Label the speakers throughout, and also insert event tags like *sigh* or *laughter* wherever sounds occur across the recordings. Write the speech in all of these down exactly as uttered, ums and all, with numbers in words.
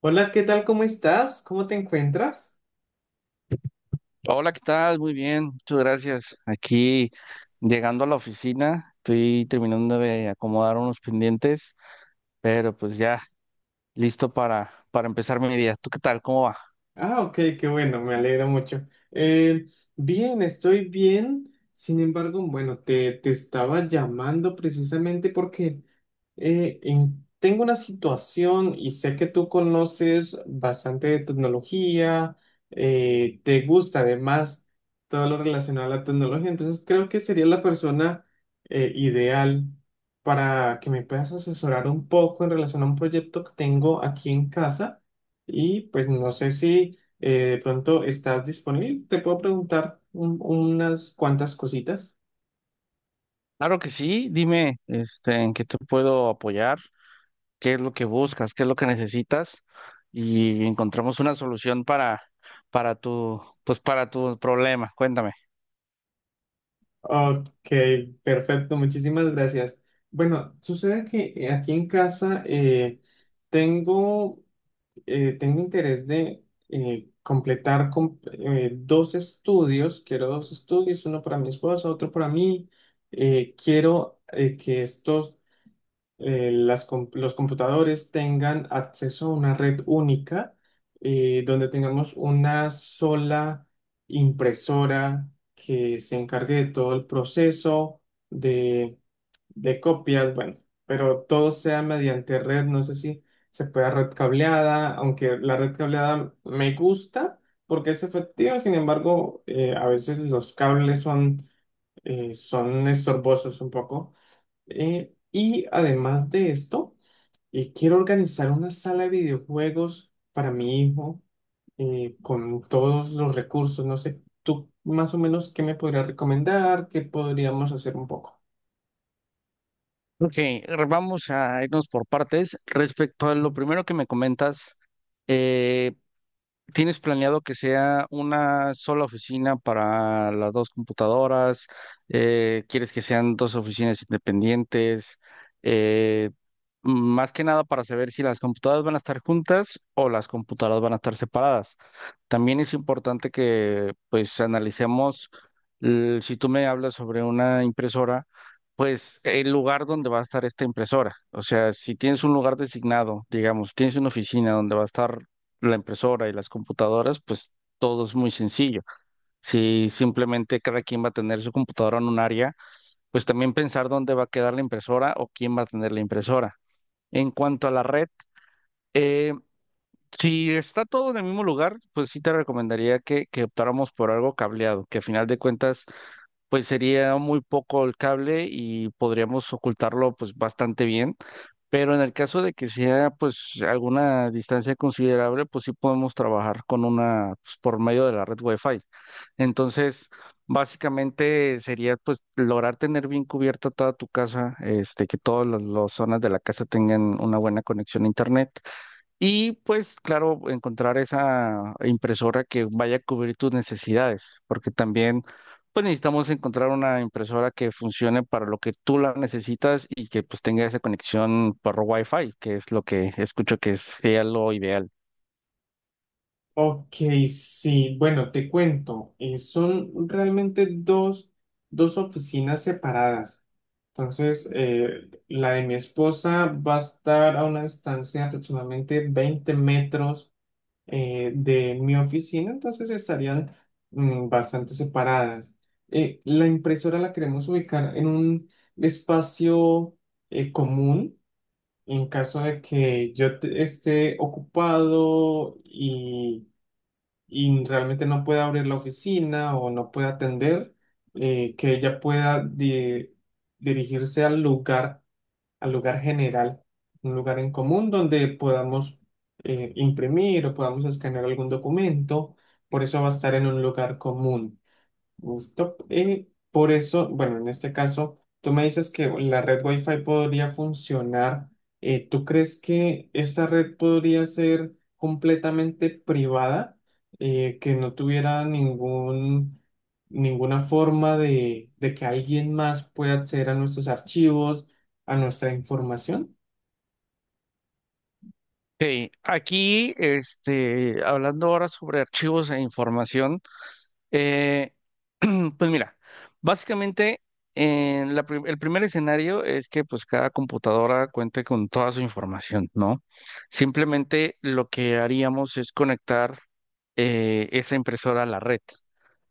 Speaker 1: Hola, ¿qué tal? ¿Cómo estás? ¿Cómo te encuentras?
Speaker 2: Hola, ¿qué tal? Muy bien, muchas gracias. Aquí llegando a la oficina, estoy terminando de acomodar unos pendientes, pero pues ya listo para, para empezar mi día. ¿Tú qué tal? ¿Cómo va?
Speaker 1: Ah, ok, qué bueno, me alegra mucho. Eh, bien, estoy bien. Sin embargo, bueno, te, te estaba llamando precisamente porque eh, en- tengo una situación y sé que tú conoces bastante de tecnología, eh, te gusta además todo lo relacionado a la tecnología, entonces creo que sería la persona eh, ideal para que me puedas asesorar un poco en relación a un proyecto que tengo aquí en casa. Y pues no sé si eh, de pronto estás disponible. Te puedo preguntar un- unas cuantas cositas.
Speaker 2: Claro que sí, dime, este, ¿en qué te puedo apoyar, qué es lo que buscas, qué es lo que necesitas y encontramos una solución para, para tu, pues para tu problema? Cuéntame.
Speaker 1: Ok, perfecto, muchísimas gracias. Bueno, sucede que eh, aquí en casa eh, tengo, eh, tengo interés de eh, completar com- eh, dos estudios. Quiero dos estudios, uno para mi esposa, otro para mí. Eh, quiero eh, que estos eh, las com- los computadores tengan acceso a una red única, eh, donde tengamos una sola impresora que se encargue de todo el proceso de, de copias, bueno, pero todo sea mediante red, no sé si se pueda red cableada, aunque la red cableada me gusta porque es efectiva. Sin embargo, eh, a veces los cables son, eh, son estorbosos un poco. Eh, y además de esto, y quiero organizar una sala de videojuegos para mi hijo, eh, con todos los recursos. No sé, tú más o menos qué me podrías recomendar, qué podríamos hacer un poco.
Speaker 2: Ok, vamos a irnos por partes. Respecto a lo primero que me comentas, eh, ¿tienes planeado que sea una sola oficina para las dos computadoras? Eh, ¿quieres que sean dos oficinas independientes? Eh, Más que nada para saber si las computadoras van a estar juntas o las computadoras van a estar separadas. También es importante que pues analicemos, l- si tú me hablas sobre una impresora, pues el lugar donde va a estar esta impresora. O sea, si tienes un lugar designado, digamos, tienes una oficina donde va a estar la impresora y las computadoras, pues todo es muy sencillo. Si simplemente cada quien va a tener su computadora en un área, pues también pensar dónde va a quedar la impresora o quién va a tener la impresora. En cuanto a la red, eh, si está todo en el mismo lugar, pues sí te recomendaría que, que optáramos por algo cableado, que a final de cuentas pues sería muy poco el cable y podríamos ocultarlo pues bastante bien. Pero en el caso de que sea pues alguna distancia considerable, pues sí podemos trabajar con una pues, por medio de la red Wi-Fi. Entonces, básicamente sería pues lograr tener bien cubierta toda tu casa, este, que todas las, las zonas de la casa tengan una buena conexión a internet y pues, claro, encontrar esa impresora que vaya a cubrir tus necesidades, porque también pues necesitamos encontrar una impresora que funcione para lo que tú la necesitas y que pues tenga esa conexión por Wi-Fi, que es lo que escucho que sea lo ideal.
Speaker 1: Ok, sí, bueno, te cuento. eh, son realmente dos, dos oficinas separadas. Entonces, eh, la de mi esposa va a estar a una distancia de aproximadamente veinte metros eh, de mi oficina, entonces estarían mm, bastante separadas. Eh, la impresora la queremos ubicar en un espacio eh, común, en caso de que yo te- esté ocupado y, y realmente no pueda abrir la oficina o no pueda atender, eh, que ella pueda di- dirigirse al lugar al lugar general, un lugar en común donde podamos eh, imprimir o podamos escanear algún documento. Por eso va a estar en un lugar común. Listo. Y por eso, bueno, en este caso, tú me dices que la red Wi-Fi podría funcionar. Eh, ¿tú crees que esta red podría ser completamente privada, Eh, que no tuviera ningún, ninguna forma de, de que alguien más pueda acceder a nuestros archivos, a nuestra información?
Speaker 2: Sí. Aquí, este, hablando ahora sobre archivos e información. Eh, *clears throat* pues mira, básicamente en la pri- el primer escenario es que pues cada computadora cuente con toda su información, ¿no? Simplemente lo que haríamos es conectar eh, esa impresora a la red.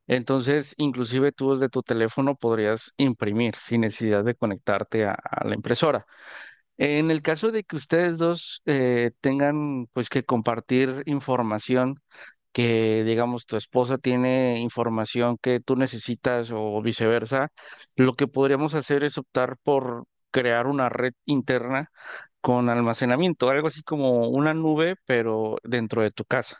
Speaker 2: Entonces, inclusive tú desde tu teléfono podrías imprimir sin necesidad de conectarte a a la impresora. En el caso de que ustedes dos eh, tengan pues que compartir información, que digamos tu esposa tiene información que tú necesitas o viceversa, lo que podríamos hacer es optar por crear una red interna con almacenamiento, algo así como una nube, pero dentro de tu casa.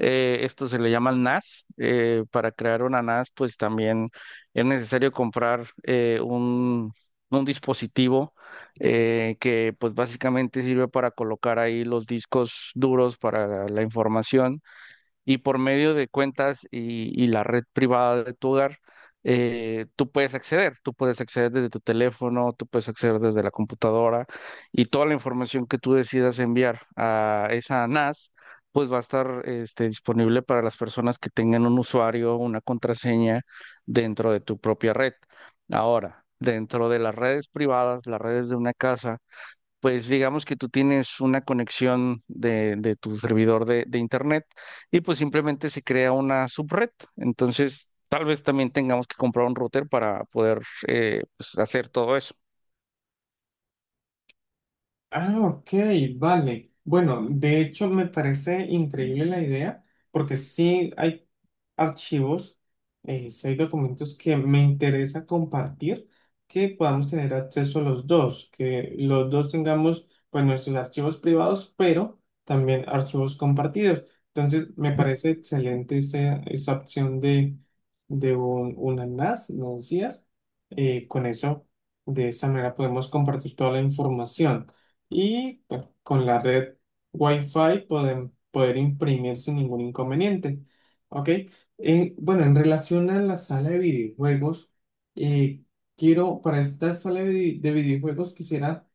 Speaker 2: Eh, esto se le llama NAS. Eh, para crear una NAS, pues también es necesario comprar eh, un, un dispositivo eh, que pues básicamente sirve para colocar ahí los discos duros para la información y por medio de cuentas y, y la red privada de tu hogar, eh, tú puedes acceder, tú puedes acceder desde tu teléfono, tú puedes acceder desde la computadora y toda la información que tú decidas enviar a esa NAS, pues va a estar este, disponible para las personas que tengan un usuario, una contraseña dentro de tu propia red. Ahora, dentro de las redes privadas, las redes de una casa, pues digamos que tú tienes una conexión de, de tu servidor de, de internet y pues simplemente se crea una subred. Entonces, tal vez también tengamos que comprar un router para poder eh, pues, hacer todo eso.
Speaker 1: Ah, ok, vale. Bueno, de hecho me parece increíble la idea porque sí hay archivos, eh, sí hay documentos que me interesa compartir, que podamos tener acceso los dos, que los dos tengamos pues nuestros archivos privados, pero también archivos compartidos. Entonces me parece excelente esa, esa opción de, de un, una N A S, me decías. Eh, con eso, de esa manera podemos compartir toda la información. Y bueno, con la red Wi-Fi pueden poder imprimir sin ningún inconveniente. ¿Ok? Eh, bueno, en relación a la sala de videojuegos, eh, quiero, para esta sala de, vide- de videojuegos quisiera,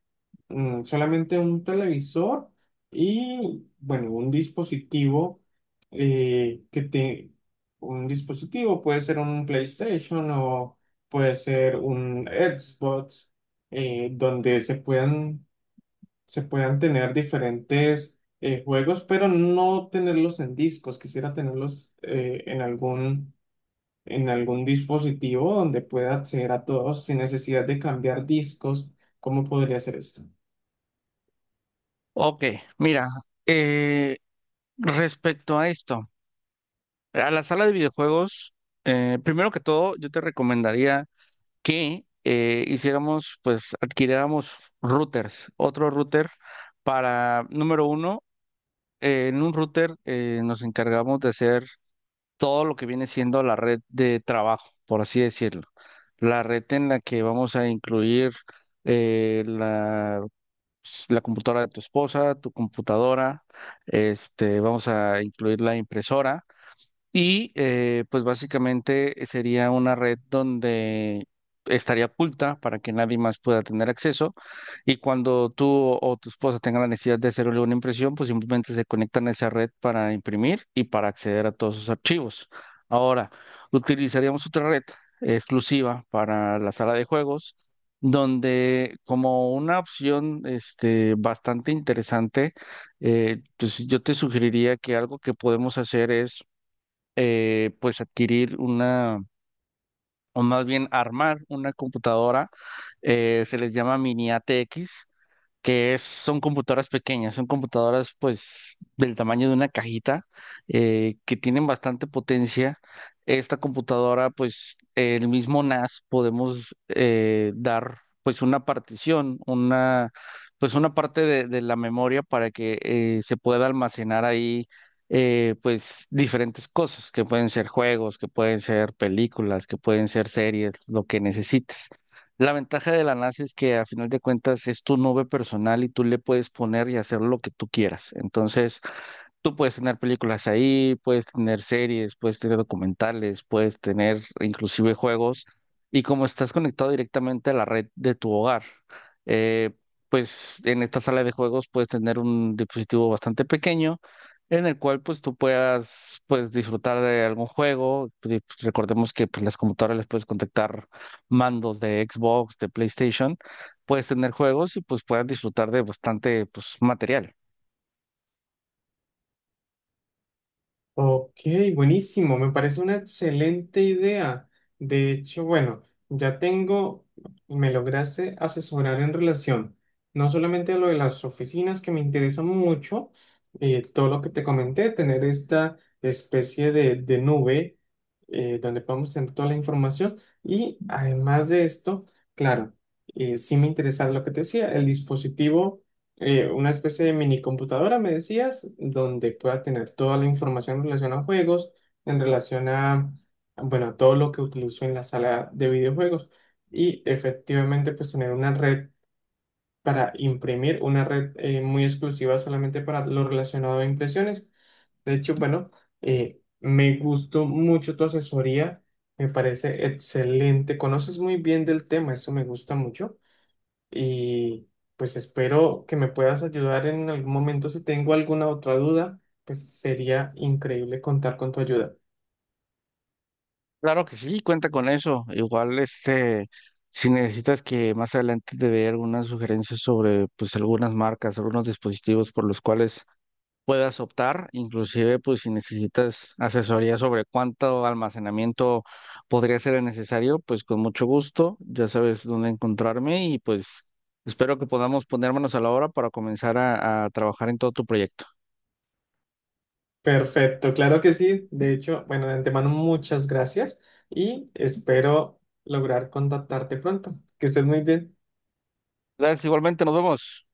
Speaker 1: mm, solamente un televisor y, bueno, un dispositivo eh, que te... Un dispositivo puede ser un PlayStation o puede ser un Xbox, eh, donde se puedan se puedan tener diferentes eh, juegos, pero no tenerlos en discos. Quisiera tenerlos eh, en algún, en algún dispositivo donde pueda acceder a todos sin necesidad de cambiar discos. ¿Cómo podría hacer esto?
Speaker 2: Ok, mira, eh, respecto a esto, a la sala de videojuegos, eh, primero que todo, yo te recomendaría que eh, hiciéramos, pues adquiriéramos routers, otro router para, número uno, eh, en un router eh, nos encargamos de hacer todo lo que viene siendo la red de trabajo, por así decirlo. La red en la que vamos a incluir eh, la, pues, la computadora de tu esposa, tu computadora, este, vamos a incluir la impresora. Y eh, pues básicamente eh, sería una red donde estaría oculta para que nadie más pueda tener acceso. Y cuando tú o, o tu esposa tengan la necesidad de hacerle una impresión, pues simplemente se conectan a esa red para imprimir y para acceder a todos sus archivos. Ahora, utilizaríamos otra red exclusiva para la sala de juegos, donde como una opción este, bastante interesante, eh, pues yo te sugeriría que algo que podemos hacer es eh, pues adquirir una, o más bien armar una computadora, eh, se les llama mini A T X, que es, son computadoras pequeñas, son computadoras pues del tamaño de una cajita eh, que tienen bastante potencia. Esta computadora pues el mismo NAS podemos eh, dar pues una partición, una pues una parte de, de la memoria para que eh, se pueda almacenar ahí eh, pues diferentes cosas que pueden ser juegos, que pueden ser películas, que pueden ser series, lo que necesites. La ventaja de la NASA es que a final de cuentas es tu nube personal y tú le puedes poner y hacer lo que tú quieras. Entonces, tú puedes tener películas ahí, puedes tener series, puedes tener documentales, puedes tener inclusive juegos. Y como estás conectado directamente a la red de tu hogar, eh, pues en esta sala de juegos puedes tener un dispositivo bastante pequeño en el cual pues tú puedas pues disfrutar de algún juego. Pues, recordemos que pues las computadoras les puedes contactar mandos de Xbox, de PlayStation, puedes tener juegos y pues puedas disfrutar de bastante pues material.
Speaker 1: Ok, buenísimo, me parece una excelente idea. De hecho, bueno, ya tengo, me lograste asesorar en relación no solamente a lo de las oficinas que me interesa mucho, eh, todo lo que te comenté, tener esta especie de, de nube eh, donde podemos tener toda la información y además de esto, claro, eh, sí me interesa lo que te decía, el dispositivo, eh, una especie de mini computadora, me decías, donde pueda tener toda la información en relación a juegos, en relación a, bueno, a todo lo que utilizo en la sala de videojuegos, y efectivamente pues tener una red para imprimir, una red eh, muy exclusiva solamente para lo relacionado a impresiones. De hecho, bueno, eh, me gustó mucho tu asesoría, me parece excelente, conoces muy bien del tema, eso me gusta mucho. Y pues espero que me puedas ayudar en algún momento. Si tengo alguna otra duda, pues sería increíble contar con tu ayuda.
Speaker 2: Claro que sí, cuenta con eso. Igual, este, si necesitas que más adelante te dé algunas sugerencias sobre, pues, algunas marcas, algunos dispositivos por los cuales puedas optar, inclusive, pues, si necesitas asesoría sobre cuánto almacenamiento podría ser el necesario, pues, con mucho gusto, ya sabes dónde encontrarme y, pues, espero que podamos ponérmonos a la obra para comenzar a, a trabajar en todo tu proyecto.
Speaker 1: Perfecto, claro que sí. De hecho, bueno, de antemano muchas gracias y espero lograr contactarte pronto. Que estés muy bien.
Speaker 2: Gracias, igualmente, nos vemos.